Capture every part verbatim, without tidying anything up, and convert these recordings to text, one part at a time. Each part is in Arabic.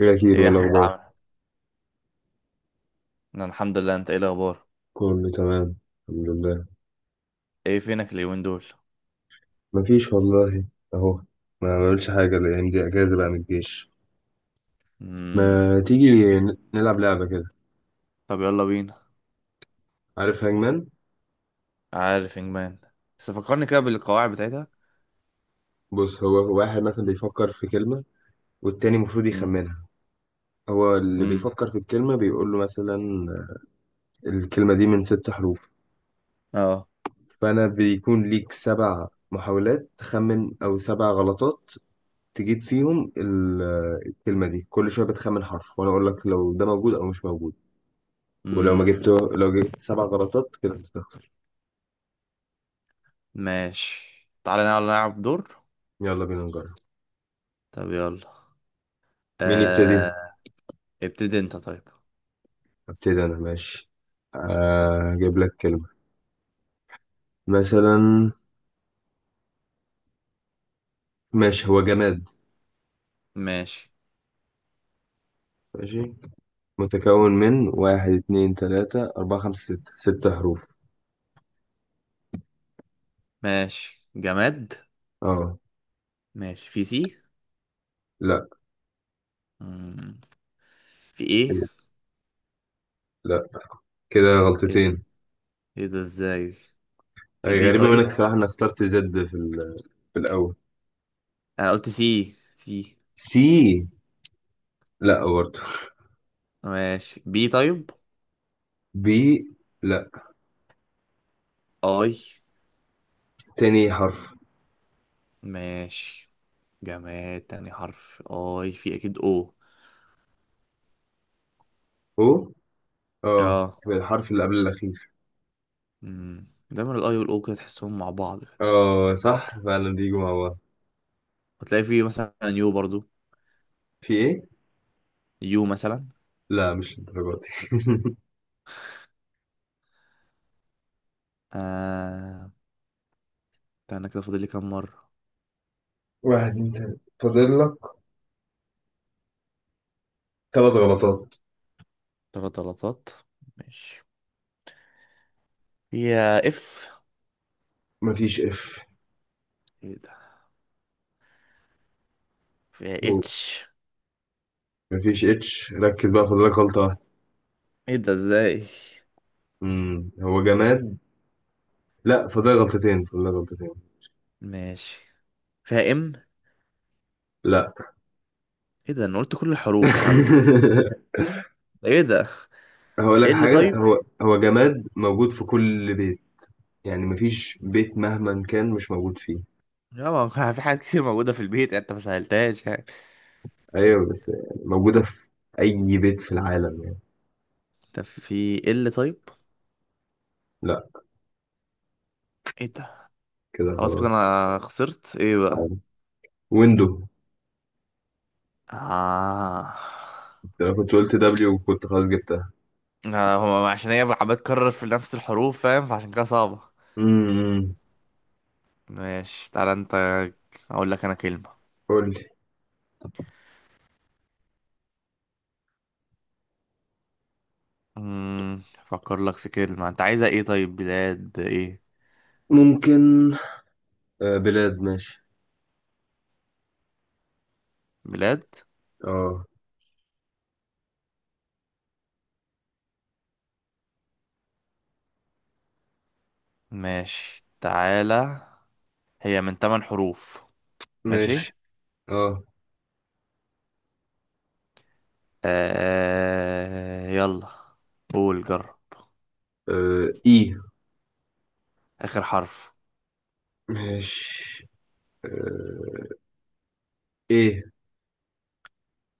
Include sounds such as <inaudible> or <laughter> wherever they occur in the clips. إيه أكيد ايه يا ولا احمد، أخبار. عامل؟ انا الحمد لله، انت ايه الاخبار؟ كله تمام. الحمد لله. ايه فينك اليومين دول؟ مفيش والله. أهو. ما بعملش حاجة الأيام دي، أجازة بقى من الجيش. امم ما تيجي ن- نلعب لعبة كده؟ طب يلا بينا. عارف هانجمان؟ عارف انجمان، بس فكرني كده بالقواعد بتاعتها. بص، هو واحد مثلا بيفكر في كلمة والتاني المفروض امم يخمنها. هو اللي امم بيفكر في الكلمة بيقول له مثلا الكلمة دي من ست حروف. اه فأنا بيكون ليك سبع محاولات تخمن أو سبع غلطات تجيب فيهم ال- الكلمة دي. كل شوية بتخمن حرف وأنا أقول لك لو ده موجود أو مش موجود. ولو ما امم جبت لو جبت سبع غلطات كده بتخسر. ماشي، تعالى نلعب نلعب دور. يلا بينا نجرب. طب يلا. مين يبتدي؟ آه... ابتدي انت طيب. ابتدي انا، ماشي. آه، اجيب لك كلمة مثلا. ماشي، هو جماد. ماشي ماشي، متكون من واحد اتنين تلاتة أربعة خمسة ستة، ست حروف. ماشي جماد. اه. ماشي، في سي؟ لا. امم في ايه؟ لا، كده ايه ده؟ غلطتين. ايه ده ازاي؟ في أي بي غريبة منك طيب. صراحة إنك اخترت زد في، ال- في الأول. انا قلت سي سي. سي، لا برضه. ماشي، بي طيب. بي، لا. اي. تاني حرف ماشي، جماد تاني حرف اي، في اكيد او. او. اه، اه. في الحرف اللي قبل الأخير. امم دايما الاي والاو كده تحسهم مع بعض كده. اه، صح فعلا بيجوا مع بعض. هتلاقي فيه مثلا يو برضو. في ايه؟ يو مثلا. لا، مش للدرجة دي. <laughs> آه، ده انا كده فاضل لي كام مرة؟ واحد اتنين تلاتة، فاضل لك ثلاث غلطات. تلات غلطات. ماشي، فيها اف؟ مفيش اف. ايه ده؟ فيها اتش؟ مفيش اتش، ركز بقى، فاضلك غلطة واحدة. ايه ده ازاي؟ مم. هو جماد. لا، فاضلك غلطتين، فاضلك غلطتين. ماشي، فيها ام؟ لا. ايه ده؟ انا قلت كل الحروف يا عم، <laughs> ده ايه ده؟ هقول ايه لك اللي حاجة. طيب؟ هو هو جماد موجود في كل بيت. يعني مفيش بيت مهما كان مش موجود فيه. يا ما ما في حاجات كتير موجودة في البيت يعني، انت ما سهلتهاش يعني. ايوه، بس يعني موجودة في اي بيت في العالم يعني. طب في ال طيب؟ لا، ايه ده؟ كده خلاص كده خلاص. انا خسرت. ايه بقى؟ ويندو. آه. انا كنت قلت دبليو وكنت خلاص جبتها. آه، هو عشان هي عمال تكرر في نفس الحروف فاهم، فعشان كده صعبة. امم. ماشي، تعالى انت. اقول لك انا كلمة. قول لي. امم افكر لك في كلمة. انت عايزة ايه طيب؟ بلاد ايه؟ ممكن. آه، بلاد، ماشي. بلاد اه. ماشي. تعالى، هي من تمن حروف. ماشي. ماشي. اه. آه يلا. قول جرب. آه، اي. اخر حرف. ماشي. آه، ايه.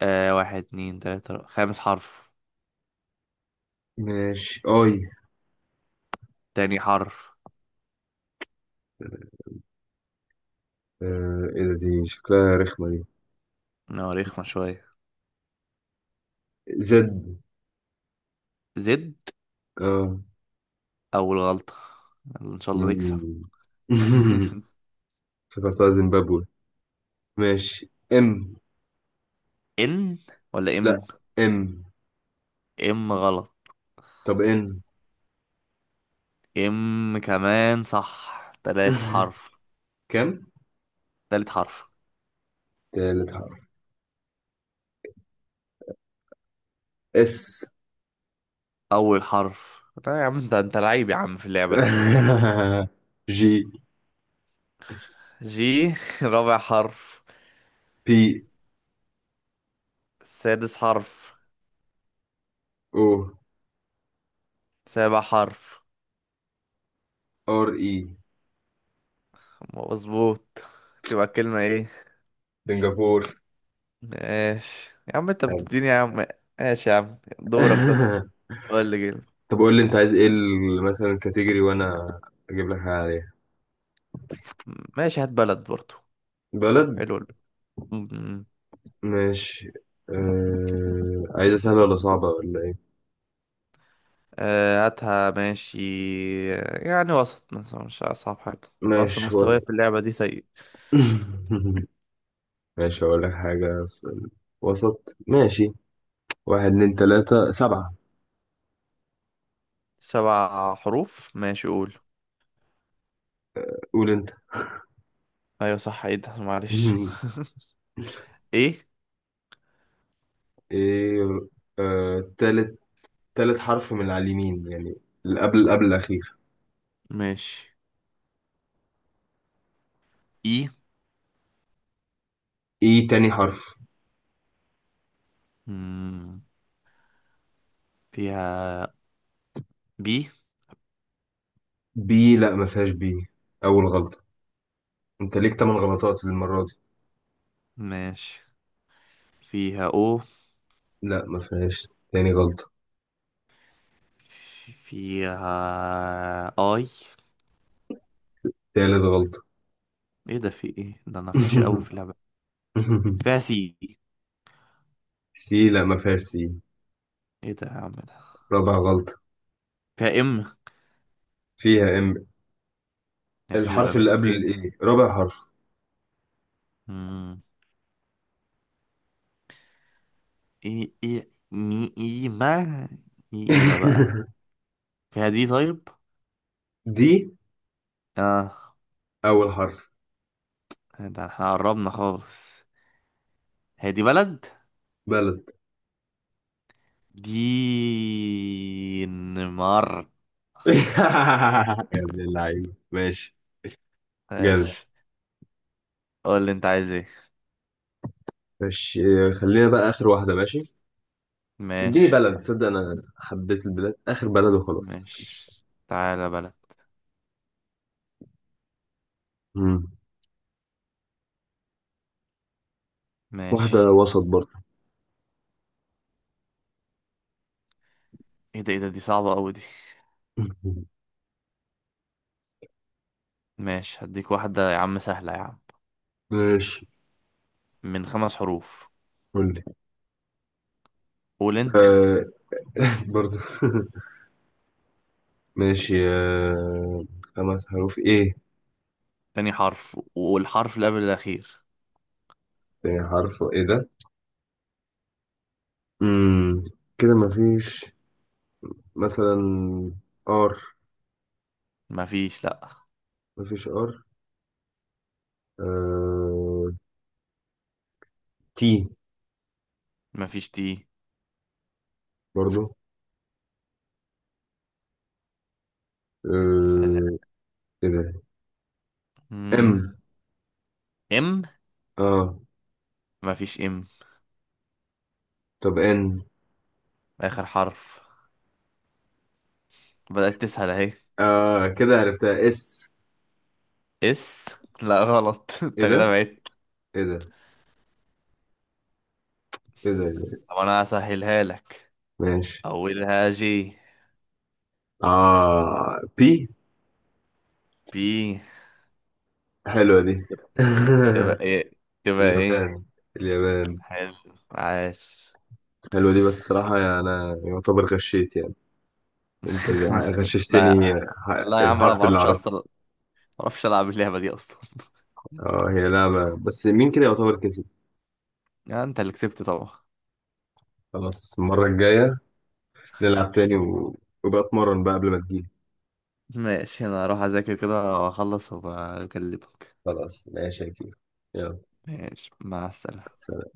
آه، واحد اتنين تلاتة أربعة. خامس حرف. ماشي. اي. تاني حرف. آه، ايه ده، دي شكلها رخمة دي. نواريخ ما شوية. زد. زد. اه. اول غلطة. يلا ان شاء الله نكسب. مم. <laughs> <laughs> افتكرتها زيمبابوي. ماشي، ام. ان ولا لا. ام؟ ام. ام غلط. طب ان. ام كمان صح، تلات حرف. <laughs> كم؟ تالت حرف. تالت حرف. اس. اول حرف. لا يا عم، انت انت لعيب يا عم في اللعبة دي. <laughs> جي. جي؟ <laughs> رابع حرف. بي. سادس حرف. او. سابع حرف. ار اي. مظبوط. تبقى كلمة ايه؟ سنغافور. ماشي يا عم، انت أيوة. بتديني يا عم. ماشي يا عم، دورك طيب. <laughs> قول لي جيل. طب قول لي انت عايز ايه ال- مثلا الكاتيجوري وانا اجيب لك حاجه عليها. ماشي، هات بلد برضو. بلد، حلو. ماشي. آه، عايزه سهله ولا صعبه ولا ايه؟ آه، هاتها ماشي. يعني وسط مثلا، مش أصعب حاجة، أنا ماشي أصلا و... مستواي في <laughs> اللعبة دي سيء. ماشي، هقول لك حاجه في الوسط، ماشي. واحد اتنين تلاته سبعه. سبع حروف ماشي، قول. قول انت. أيوة صح، إيه ده؟ معلش. <laughs> <laughs> إيه؟ ايه. آه، تالت. تالت حرف من على اليمين يعني، اللي قبل قبل الاخير. ماشي. إي. ايه تاني حرف. مم. فيها بي؟ بي، لا ما فيهاش بي، اول غلطه. انت ليك تمن غلطات المرة دي. ماشي. فيها أو؟ لا ما فيهاش، تاني غلطة. في- فيها أي؟ تالت غلطة. إيه ده؟ في إيه ده؟ أنا فاشل أوي في <laughs> اللعبة. فيها سي؟ سي، لا ما فيهاش سي. إيه ده يا عم ده؟ رابع غلطة. فيها إم؟ فيها ام. الحرف أخيرا. اللي قبل الايه، رابع حرف. فين؟ ايه ايه مي ايما. ايه ايما بقى. <laughs> فيها دي طيب؟ دي. اه. اول حرف. ده احنا قربنا خالص. هي دي بلد؟ بلد. دينمارك. <laughs> يا ابن اللعيبة، ماشي. جامد. ماشي. قول اللي انت عايز ايه. ماشي. اه، خلينا بقى اخر واحدة، ماشي. اديني ماشي. بلد، تصدق انا حبيت البلاد، اخر بلد وخلاص. ماشي تعالى، بلد. مم. واحدة ماشي. وسط برضه. ايه ده؟ ايه ده؟ دي صعبة قوي دي. <laughs> ماشي، هديك واحدة يا عم سهلة يا عم. ماشي، من خمس حروف. قول لي. قول انت. آه. <laughs> برضه <laughs> ماشي، آه، خمس حروف ايه. تاني حرف والحرف اللي قبل الاخير. تاني حرف ايه ده. امم. كده مفيش مثلا ار. مفيش، لا. مفيش ار. آه، تي. مفيش تي. برضو. سهلة. آه. ايه ده. امم ام. ام. اه. مفيش ام. طب ان. اخر حرف. بدأت تسهل اهي. اه كده عرفتها، اس. اس؟ لا غلط. <laughs> ايه انت كده ده، بعدت. ايه ده، ايه ده، إيه ده؟ طب انا هسهلها لك. ماشي. اولها جي. اه، بي. بي. حلوة دي. <laughs> تبقى ايه؟ تبقى ايه؟ جبان. اليابان. حلو. عاش. حلوة دي، بس صراحة يعني أنا يعتبر غشيت يعني. انت <laughs> لا، غششتني ه- لا يا عم، انا ما الحرف اللي بعرفش اعرفه. اصلا، ما بعرفش العب اللعبه دي اصلا. <laughs> اه، هي لعبة، بس مين كده يعتبر كسب. يعني انت اللي كسبت طبعا. خلاص، المرة الجاية نلعب تاني و... وبقى اتمرن بقى قبل ما تجيلي. ماشي، انا هروح اذاكر كده واخلص وبكلمك. خلاص ماشي يا كبير. يلا. ماشي مع السلامه. سلام.